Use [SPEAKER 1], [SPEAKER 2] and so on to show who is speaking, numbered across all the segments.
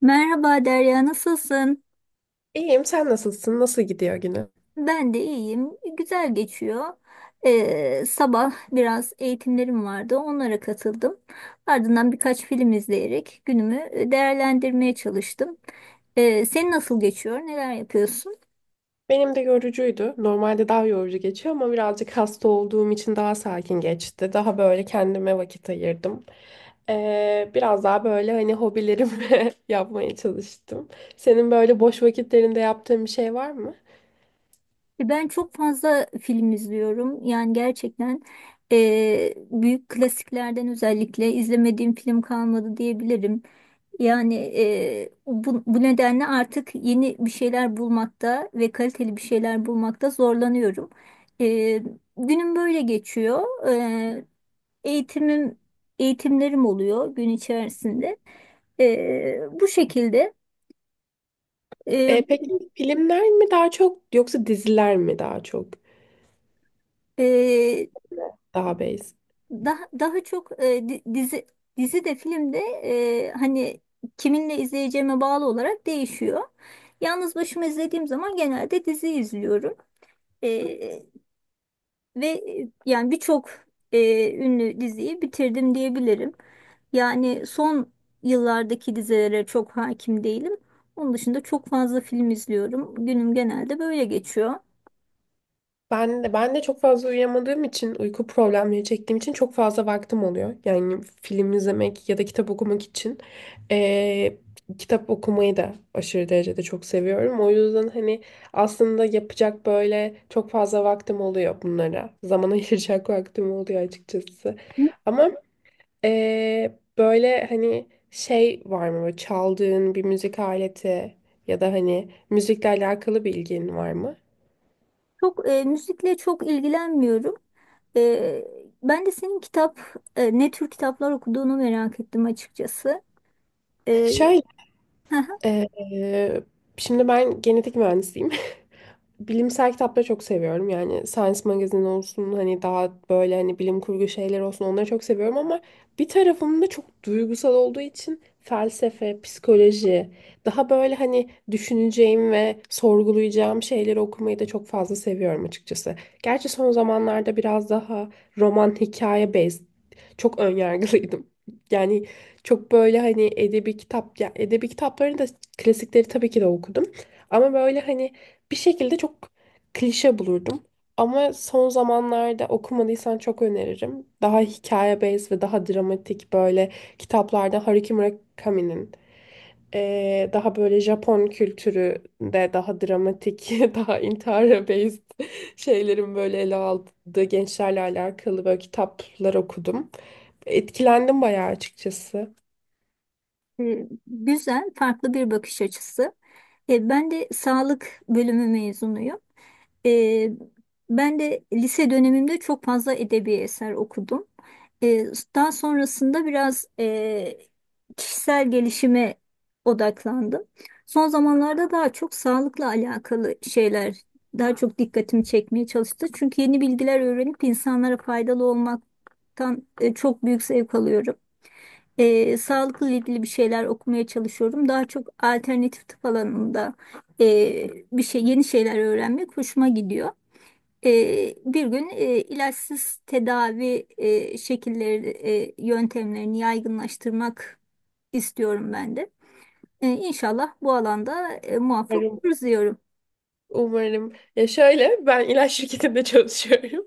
[SPEAKER 1] Merhaba Derya, nasılsın?
[SPEAKER 2] İyiyim, sen nasılsın? Nasıl gidiyor günü?
[SPEAKER 1] Ben de iyiyim, güzel geçiyor. Sabah biraz eğitimlerim vardı, onlara katıldım. Ardından birkaç film izleyerek günümü değerlendirmeye çalıştım. Senin nasıl geçiyor, neler yapıyorsun?
[SPEAKER 2] Benim de yorucuydu. Normalde daha yorucu geçiyor ama birazcık hasta olduğum için daha sakin geçti. Daha böyle kendime vakit ayırdım. Biraz daha böyle hani hobilerimi yapmaya çalıştım. Senin böyle boş vakitlerinde yaptığın bir şey var mı?
[SPEAKER 1] Ben çok fazla film izliyorum. Yani gerçekten büyük klasiklerden özellikle izlemediğim film kalmadı diyebilirim. Yani bu nedenle artık yeni bir şeyler bulmakta ve kaliteli bir şeyler bulmakta zorlanıyorum. E, Günüm böyle geçiyor. E, eğitimim Eğitimlerim oluyor gün içerisinde. Bu şekilde e,
[SPEAKER 2] Peki filmler mi daha çok yoksa diziler mi daha çok?
[SPEAKER 1] e,
[SPEAKER 2] Daha base.
[SPEAKER 1] daha çok dizi de film de, hani kiminle izleyeceğime bağlı olarak değişiyor. Yalnız başıma izlediğim zaman genelde dizi izliyorum. Ve yani birçok ünlü diziyi bitirdim diyebilirim. Yani son yıllardaki dizilere çok hakim değilim. Onun dışında çok fazla film izliyorum. Günüm genelde böyle geçiyor.
[SPEAKER 2] Ben de çok fazla uyuyamadığım için, uyku problemleri çektiğim için çok fazla vaktim oluyor. Yani film izlemek ya da kitap okumak için. Ee, kitap okumayı da aşırı derecede çok seviyorum. O yüzden hani aslında yapacak böyle çok fazla vaktim oluyor bunlara. Zaman ayıracak vaktim oluyor açıkçası. Ama böyle hani şey var mı? Böyle çaldığın bir müzik aleti ya da hani müzikle alakalı bir ilgin var mı?
[SPEAKER 1] Müzikle çok ilgilenmiyorum. Ben de senin ne tür kitaplar okuduğunu merak ettim açıkçası. E,
[SPEAKER 2] Şöyle Ee, şimdi ben genetik mühendisiyim, bilimsel kitapları çok seviyorum. Yani Science Magazine olsun, hani daha böyle hani bilim kurgu şeyler olsun, onları çok seviyorum ama bir tarafım da çok duygusal olduğu için felsefe, psikoloji, daha böyle hani düşüneceğim ve sorgulayacağım şeyleri okumayı da çok fazla seviyorum açıkçası. Gerçi son zamanlarda biraz daha roman hikaye based çok önyargılıydım. Yani çok böyle hani edebi kitap, ya edebi kitaplarını da klasikleri tabii ki de okudum. Ama böyle hani bir şekilde çok klişe bulurdum. Ama son zamanlarda okumadıysan çok öneririm. Daha hikaye based ve daha dramatik böyle kitaplarda Haruki Murakami'nin daha böyle Japon kültüründe daha dramatik, daha intihara based şeylerin böyle ele aldığı gençlerle alakalı böyle kitaplar okudum. Etkilendim bayağı açıkçası.
[SPEAKER 1] Güzel, farklı bir bakış açısı. Ben de sağlık bölümü mezunuyum. E, Ben de lise dönemimde çok fazla edebi eser okudum. E, Daha sonrasında biraz kişisel gelişime odaklandım. Son zamanlarda daha çok sağlıkla alakalı şeyler daha çok dikkatimi çekmeye çalıştı. Çünkü yeni bilgiler öğrenip insanlara faydalı olmaktan çok büyük zevk alıyorum, sağlıkla ilgili bir şeyler okumaya çalışıyorum. Daha çok alternatif tıp alanında e, bir şey yeni şeyler öğrenmek hoşuma gidiyor. Bir gün ilaçsız tedavi yöntemlerini yaygınlaştırmak istiyorum ben de. İnşallah bu alanda muvaffak oluruz diyorum.
[SPEAKER 2] Umarım. Ya şöyle, ben ilaç şirketinde çalışıyorum.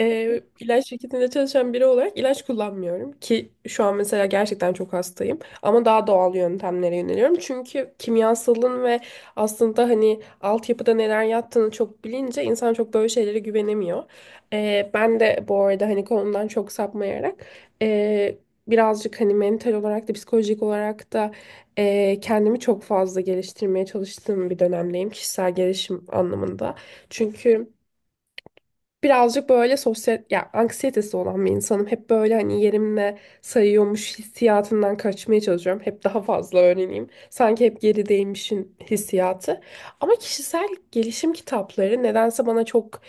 [SPEAKER 2] İlaç şirketinde çalışan biri olarak ilaç kullanmıyorum ki şu an mesela gerçekten çok hastayım ama daha doğal yöntemlere yöneliyorum. Çünkü kimyasalın ve aslında hani altyapıda neler yattığını çok bilince insan çok böyle şeylere güvenemiyor. Ben de bu arada hani konudan çok sapmayarak ee, birazcık hani mental olarak da psikolojik olarak da kendimi çok fazla geliştirmeye çalıştığım bir dönemdeyim, kişisel gelişim anlamında. Çünkü birazcık böyle sosyal ya anksiyetesi olan bir insanım. Hep böyle hani yerimle sayıyormuş hissiyatından kaçmaya çalışıyorum. Hep daha fazla öğreneyim. Sanki hep gerideymişin hissiyatı. Ama kişisel gelişim kitapları nedense bana çok,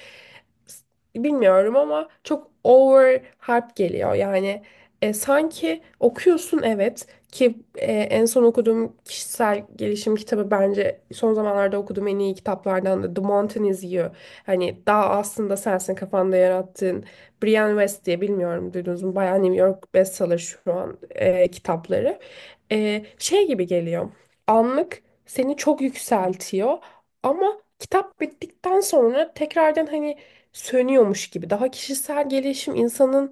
[SPEAKER 2] bilmiyorum ama çok over hype geliyor. Yani sanki okuyorsun, evet ki en son okuduğum kişisel gelişim kitabı, bence son zamanlarda okuduğum en iyi kitaplardan da The Mountain Is You. Hani daha aslında sensin kafanda yarattığın. Brian West diye, bilmiyorum, duydunuz mu? Bayağı New York bestseller şu an kitapları. Şey gibi geliyor. Anlık seni çok yükseltiyor ama kitap bittikten sonra tekrardan hani sönüyormuş gibi. Daha kişisel gelişim insanın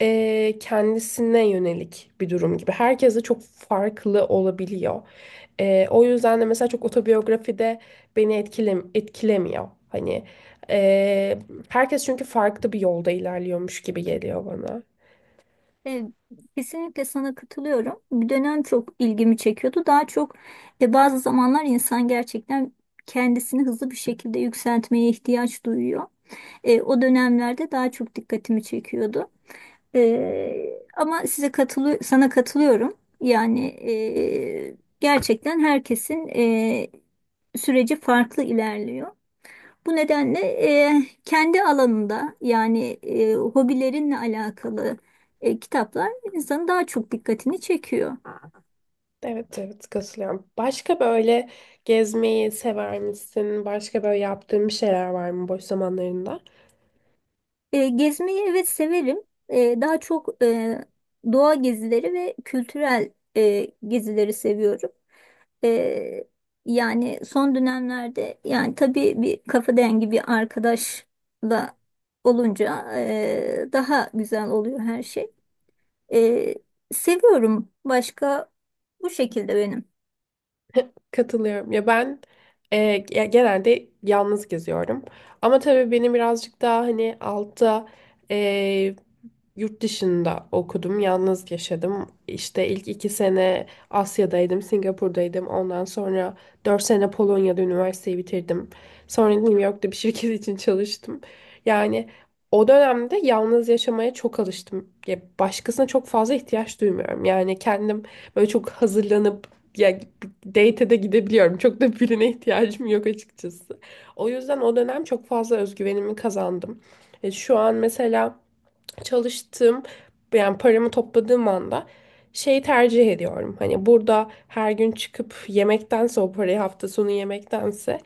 [SPEAKER 2] kendisine yönelik bir durum gibi. Herkes de çok farklı olabiliyor. O yüzden de mesela çok otobiyografi de beni etkilemiyor. Hani eee, herkes çünkü farklı bir yolda ilerliyormuş gibi geliyor bana.
[SPEAKER 1] E, Kesinlikle sana katılıyorum. Bir dönem çok ilgimi çekiyordu. Daha çok, bazı zamanlar insan gerçekten kendisini hızlı bir şekilde yükseltmeye ihtiyaç duyuyor. O dönemlerde daha çok dikkatimi çekiyordu. Ama size katılı sana katılıyorum. Yani gerçekten herkesin süreci farklı ilerliyor. Bu nedenle kendi alanında, yani hobilerinle alakalı kitaplar insanın daha çok dikkatini çekiyor.
[SPEAKER 2] Evet, evet, katılıyorum. Başka böyle gezmeyi sever misin? Başka böyle yaptığın bir şeyler var mı boş zamanlarında?
[SPEAKER 1] Gezmeyi evet severim. Daha çok doğa gezileri ve kültürel gezileri seviyorum. E, Yani son dönemlerde, yani tabii bir kafa dengi bir arkadaşla olunca daha güzel oluyor her şey. E, Seviyorum. Başka bu şekilde benim.
[SPEAKER 2] Katılıyorum. Ya ben, e, ya genelde yalnız geziyorum. Ama tabii benim birazcık daha hani altta e, yurt dışında okudum, yalnız yaşadım. İşte ilk iki sene Asya'daydım, Singapur'daydım. Ondan sonra dört sene Polonya'da üniversiteyi bitirdim. Sonra New York'ta bir şirket için çalıştım. Yani o dönemde yalnız yaşamaya çok alıştım. Ya başkasına çok fazla ihtiyaç duymuyorum. Yani kendim böyle çok hazırlanıp ya date'e de gidebiliyorum. Çok da birine ihtiyacım yok açıkçası. O yüzden o dönem çok fazla özgüvenimi kazandım. Şu an mesela çalıştığım, yani paramı topladığım anda şeyi tercih ediyorum. Hani burada her gün çıkıp yemektense, o parayı hafta sonu yemektense,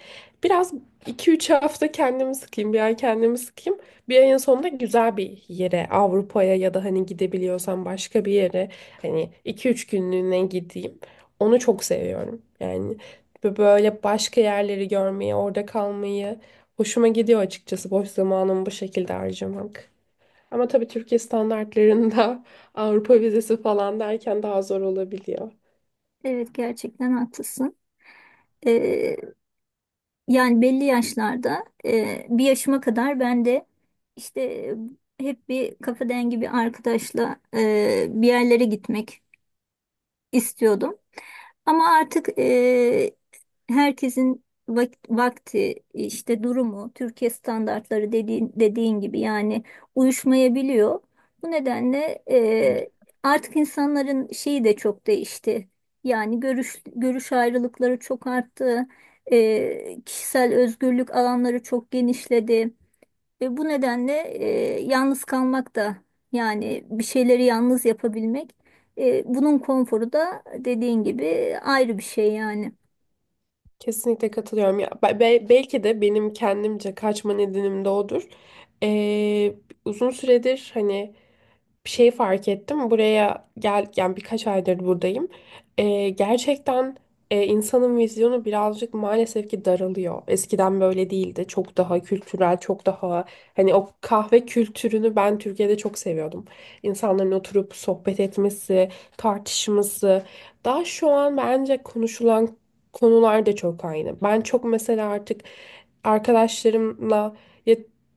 [SPEAKER 2] biraz iki üç hafta kendimi sıkayım, bir ay kendimi sıkayım. Bir ayın sonunda güzel bir yere, Avrupa'ya ya da hani gidebiliyorsam başka bir yere, hani iki üç günlüğüne gideyim. Onu çok seviyorum. Yani böyle başka yerleri görmeyi, orada kalmayı hoşuma gidiyor açıkçası, boş zamanımı bu şekilde harcamak. Ama tabii Türkiye standartlarında Avrupa vizesi falan derken daha zor olabiliyor.
[SPEAKER 1] Evet, gerçekten haklısın. Ee, Yani belli yaşlarda, bir yaşıma kadar ben de işte hep bir kafa dengi bir arkadaşla bir yerlere gitmek istiyordum. Ama artık herkesin vakti, işte durumu, Türkiye standartları dediğin gibi, yani uyuşmayabiliyor. Bu nedenle artık insanların şeyi de çok değişti. Yani görüş ayrılıkları çok arttı. Kişisel özgürlük alanları çok genişledi. Ve bu nedenle yalnız kalmak da, yani bir şeyleri yalnız yapabilmek, bunun konforu da dediğin gibi ayrı bir şey yani.
[SPEAKER 2] Kesinlikle katılıyorum. Ya, belki de benim kendimce kaçma nedenim de odur. Ee, uzun süredir hani bir şey fark ettim. Buraya gel, yani birkaç aydır buradayım. Gerçekten insanın vizyonu birazcık maalesef ki daralıyor. Eskiden böyle değildi. Çok daha kültürel, çok daha hani o kahve kültürünü ben Türkiye'de çok seviyordum. İnsanların oturup sohbet etmesi, tartışması. Daha şu an bence konuşulan konular da çok aynı. Ben çok mesela artık arkadaşlarımla, ya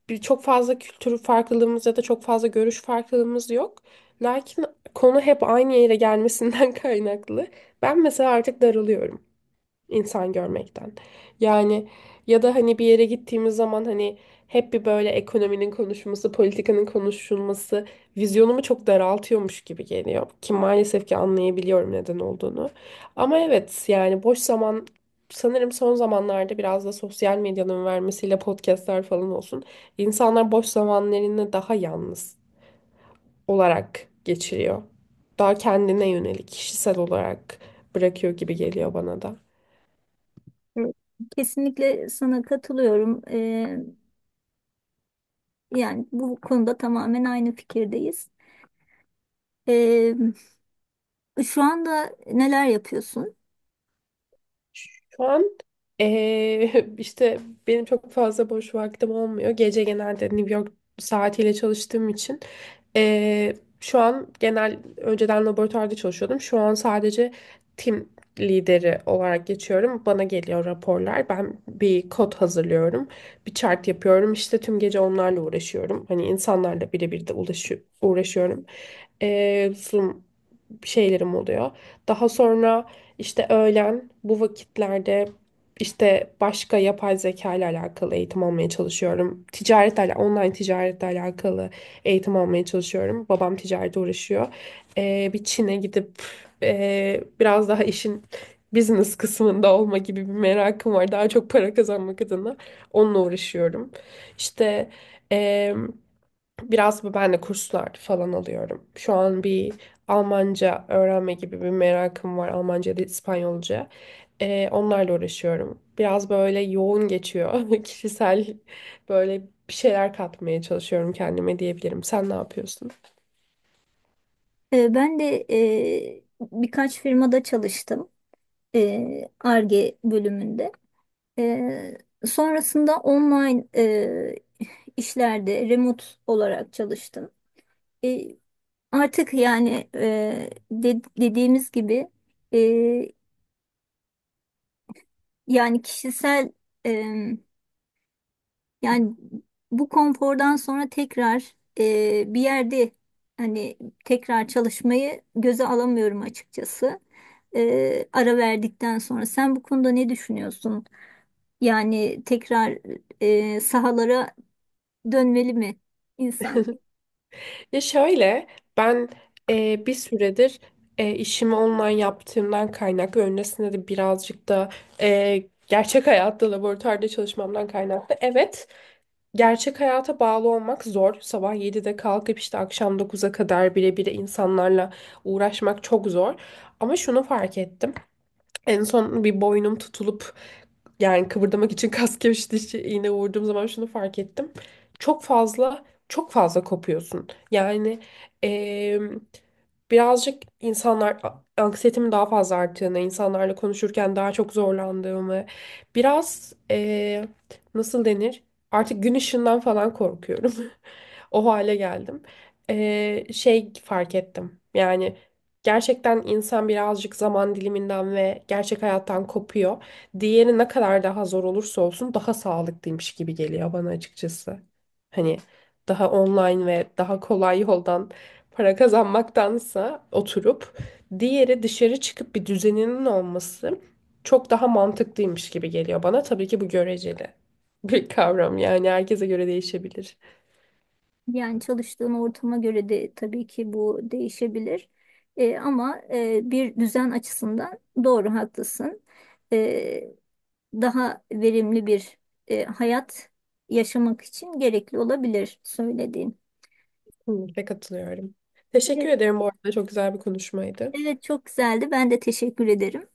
[SPEAKER 2] bir çok fazla kültür farklılığımız ya da çok fazla görüş farklılığımız yok. Lakin konu hep aynı yere gelmesinden kaynaklı. Ben mesela artık daralıyorum insan görmekten. Yani ya da hani bir yere gittiğimiz zaman hani hep bir böyle ekonominin konuşulması, politikanın konuşulması vizyonumu çok daraltıyormuş gibi geliyor. Ki maalesef ki anlayabiliyorum neden olduğunu. Ama evet, yani boş zaman, sanırım son zamanlarda biraz da sosyal medyanın vermesiyle podcastler falan olsun, İnsanlar boş zamanlarını daha yalnız olarak geçiriyor. Daha kendine yönelik, kişisel olarak bırakıyor gibi geliyor bana da.
[SPEAKER 1] Evet. Kesinlikle sana katılıyorum. Yani bu konuda tamamen aynı fikirdeyiz. E, Şu anda neler yapıyorsun?
[SPEAKER 2] Şu an işte benim çok fazla boş vaktim olmuyor. Gece genelde New York saatiyle çalıştığım için şu an genel, önceden laboratuvarda çalışıyordum. Şu an sadece tim lideri olarak geçiyorum. Bana geliyor raporlar. Ben bir kod hazırlıyorum. Bir chart yapıyorum. İşte tüm gece onlarla uğraşıyorum. Hani insanlarla birebir de uğraşıyorum. Zoom şeylerim oluyor. Daha sonra işte öğlen bu vakitlerde işte başka yapay zeka ile alakalı eğitim almaya çalışıyorum. Ticaretle, online ticaretle alakalı eğitim almaya çalışıyorum. Babam ticarete uğraşıyor. Bir Çin'e gidip biraz daha işin business kısmında olma gibi bir merakım var. Daha çok para kazanmak adına onunla uğraşıyorum. İşte em, biraz ben de kurslar falan alıyorum. Şu an bir Almanca öğrenme gibi bir merakım var. Almanca ya da İspanyolca. Onlarla uğraşıyorum. Biraz böyle yoğun geçiyor. Kişisel böyle bir şeyler katmaya çalışıyorum kendime diyebilirim. Sen ne yapıyorsun?
[SPEAKER 1] Ben de birkaç firmada çalıştım. Ar-Ge bölümünde. E, Sonrasında online işlerde remote olarak çalıştım. E, Artık yani, dediğimiz gibi, e, yani kişisel e, yani bu konfordan sonra tekrar, bir yerde hani tekrar çalışmayı göze alamıyorum açıkçası. Ara verdikten sonra sen bu konuda ne düşünüyorsun? Yani tekrar sahalara dönmeli mi insan?
[SPEAKER 2] Ya şöyle, ben bir süredir işimi online yaptığımdan kaynaklı, öncesinde de birazcık da gerçek hayatta laboratuvarda çalışmamdan kaynaklı. Evet. Gerçek hayata bağlı olmak zor. Sabah 7'de kalkıp işte akşam 9'a kadar birebir insanlarla uğraşmak çok zor. Ama şunu fark ettim. En son bir boynum tutulup yani kıvırdamak için kas gevşetici iğne vurduğum zaman şunu fark ettim. Çok fazla çok fazla kopuyorsun. Yani em, birazcık insanlar anksiyetemin daha fazla arttığını, insanlarla konuşurken daha çok zorlandığımı, biraz nasıl denir? Artık gün ışığından falan korkuyorum. O hale geldim. Şey fark ettim. Yani gerçekten insan birazcık zaman diliminden ve gerçek hayattan kopuyor. Diğeri ne kadar daha zor olursa olsun daha sağlıklıymış gibi geliyor bana açıkçası. Hani daha online ve daha kolay yoldan para kazanmaktansa, oturup diğeri dışarı çıkıp bir düzeninin olması çok daha mantıklıymış gibi geliyor bana. Tabii ki bu göreceli bir kavram, yani herkese göre değişebilir.
[SPEAKER 1] Yani çalıştığın ortama göre de tabii ki bu değişebilir. Ama bir düzen açısından doğru, haklısın. E, Daha verimli bir hayat yaşamak için gerekli olabilir söylediğin.
[SPEAKER 2] Kesinlikle katılıyorum. Teşekkür
[SPEAKER 1] Evet,
[SPEAKER 2] ederim bu arada, çok güzel bir konuşmaydı.
[SPEAKER 1] evet, çok güzeldi. Ben de teşekkür ederim.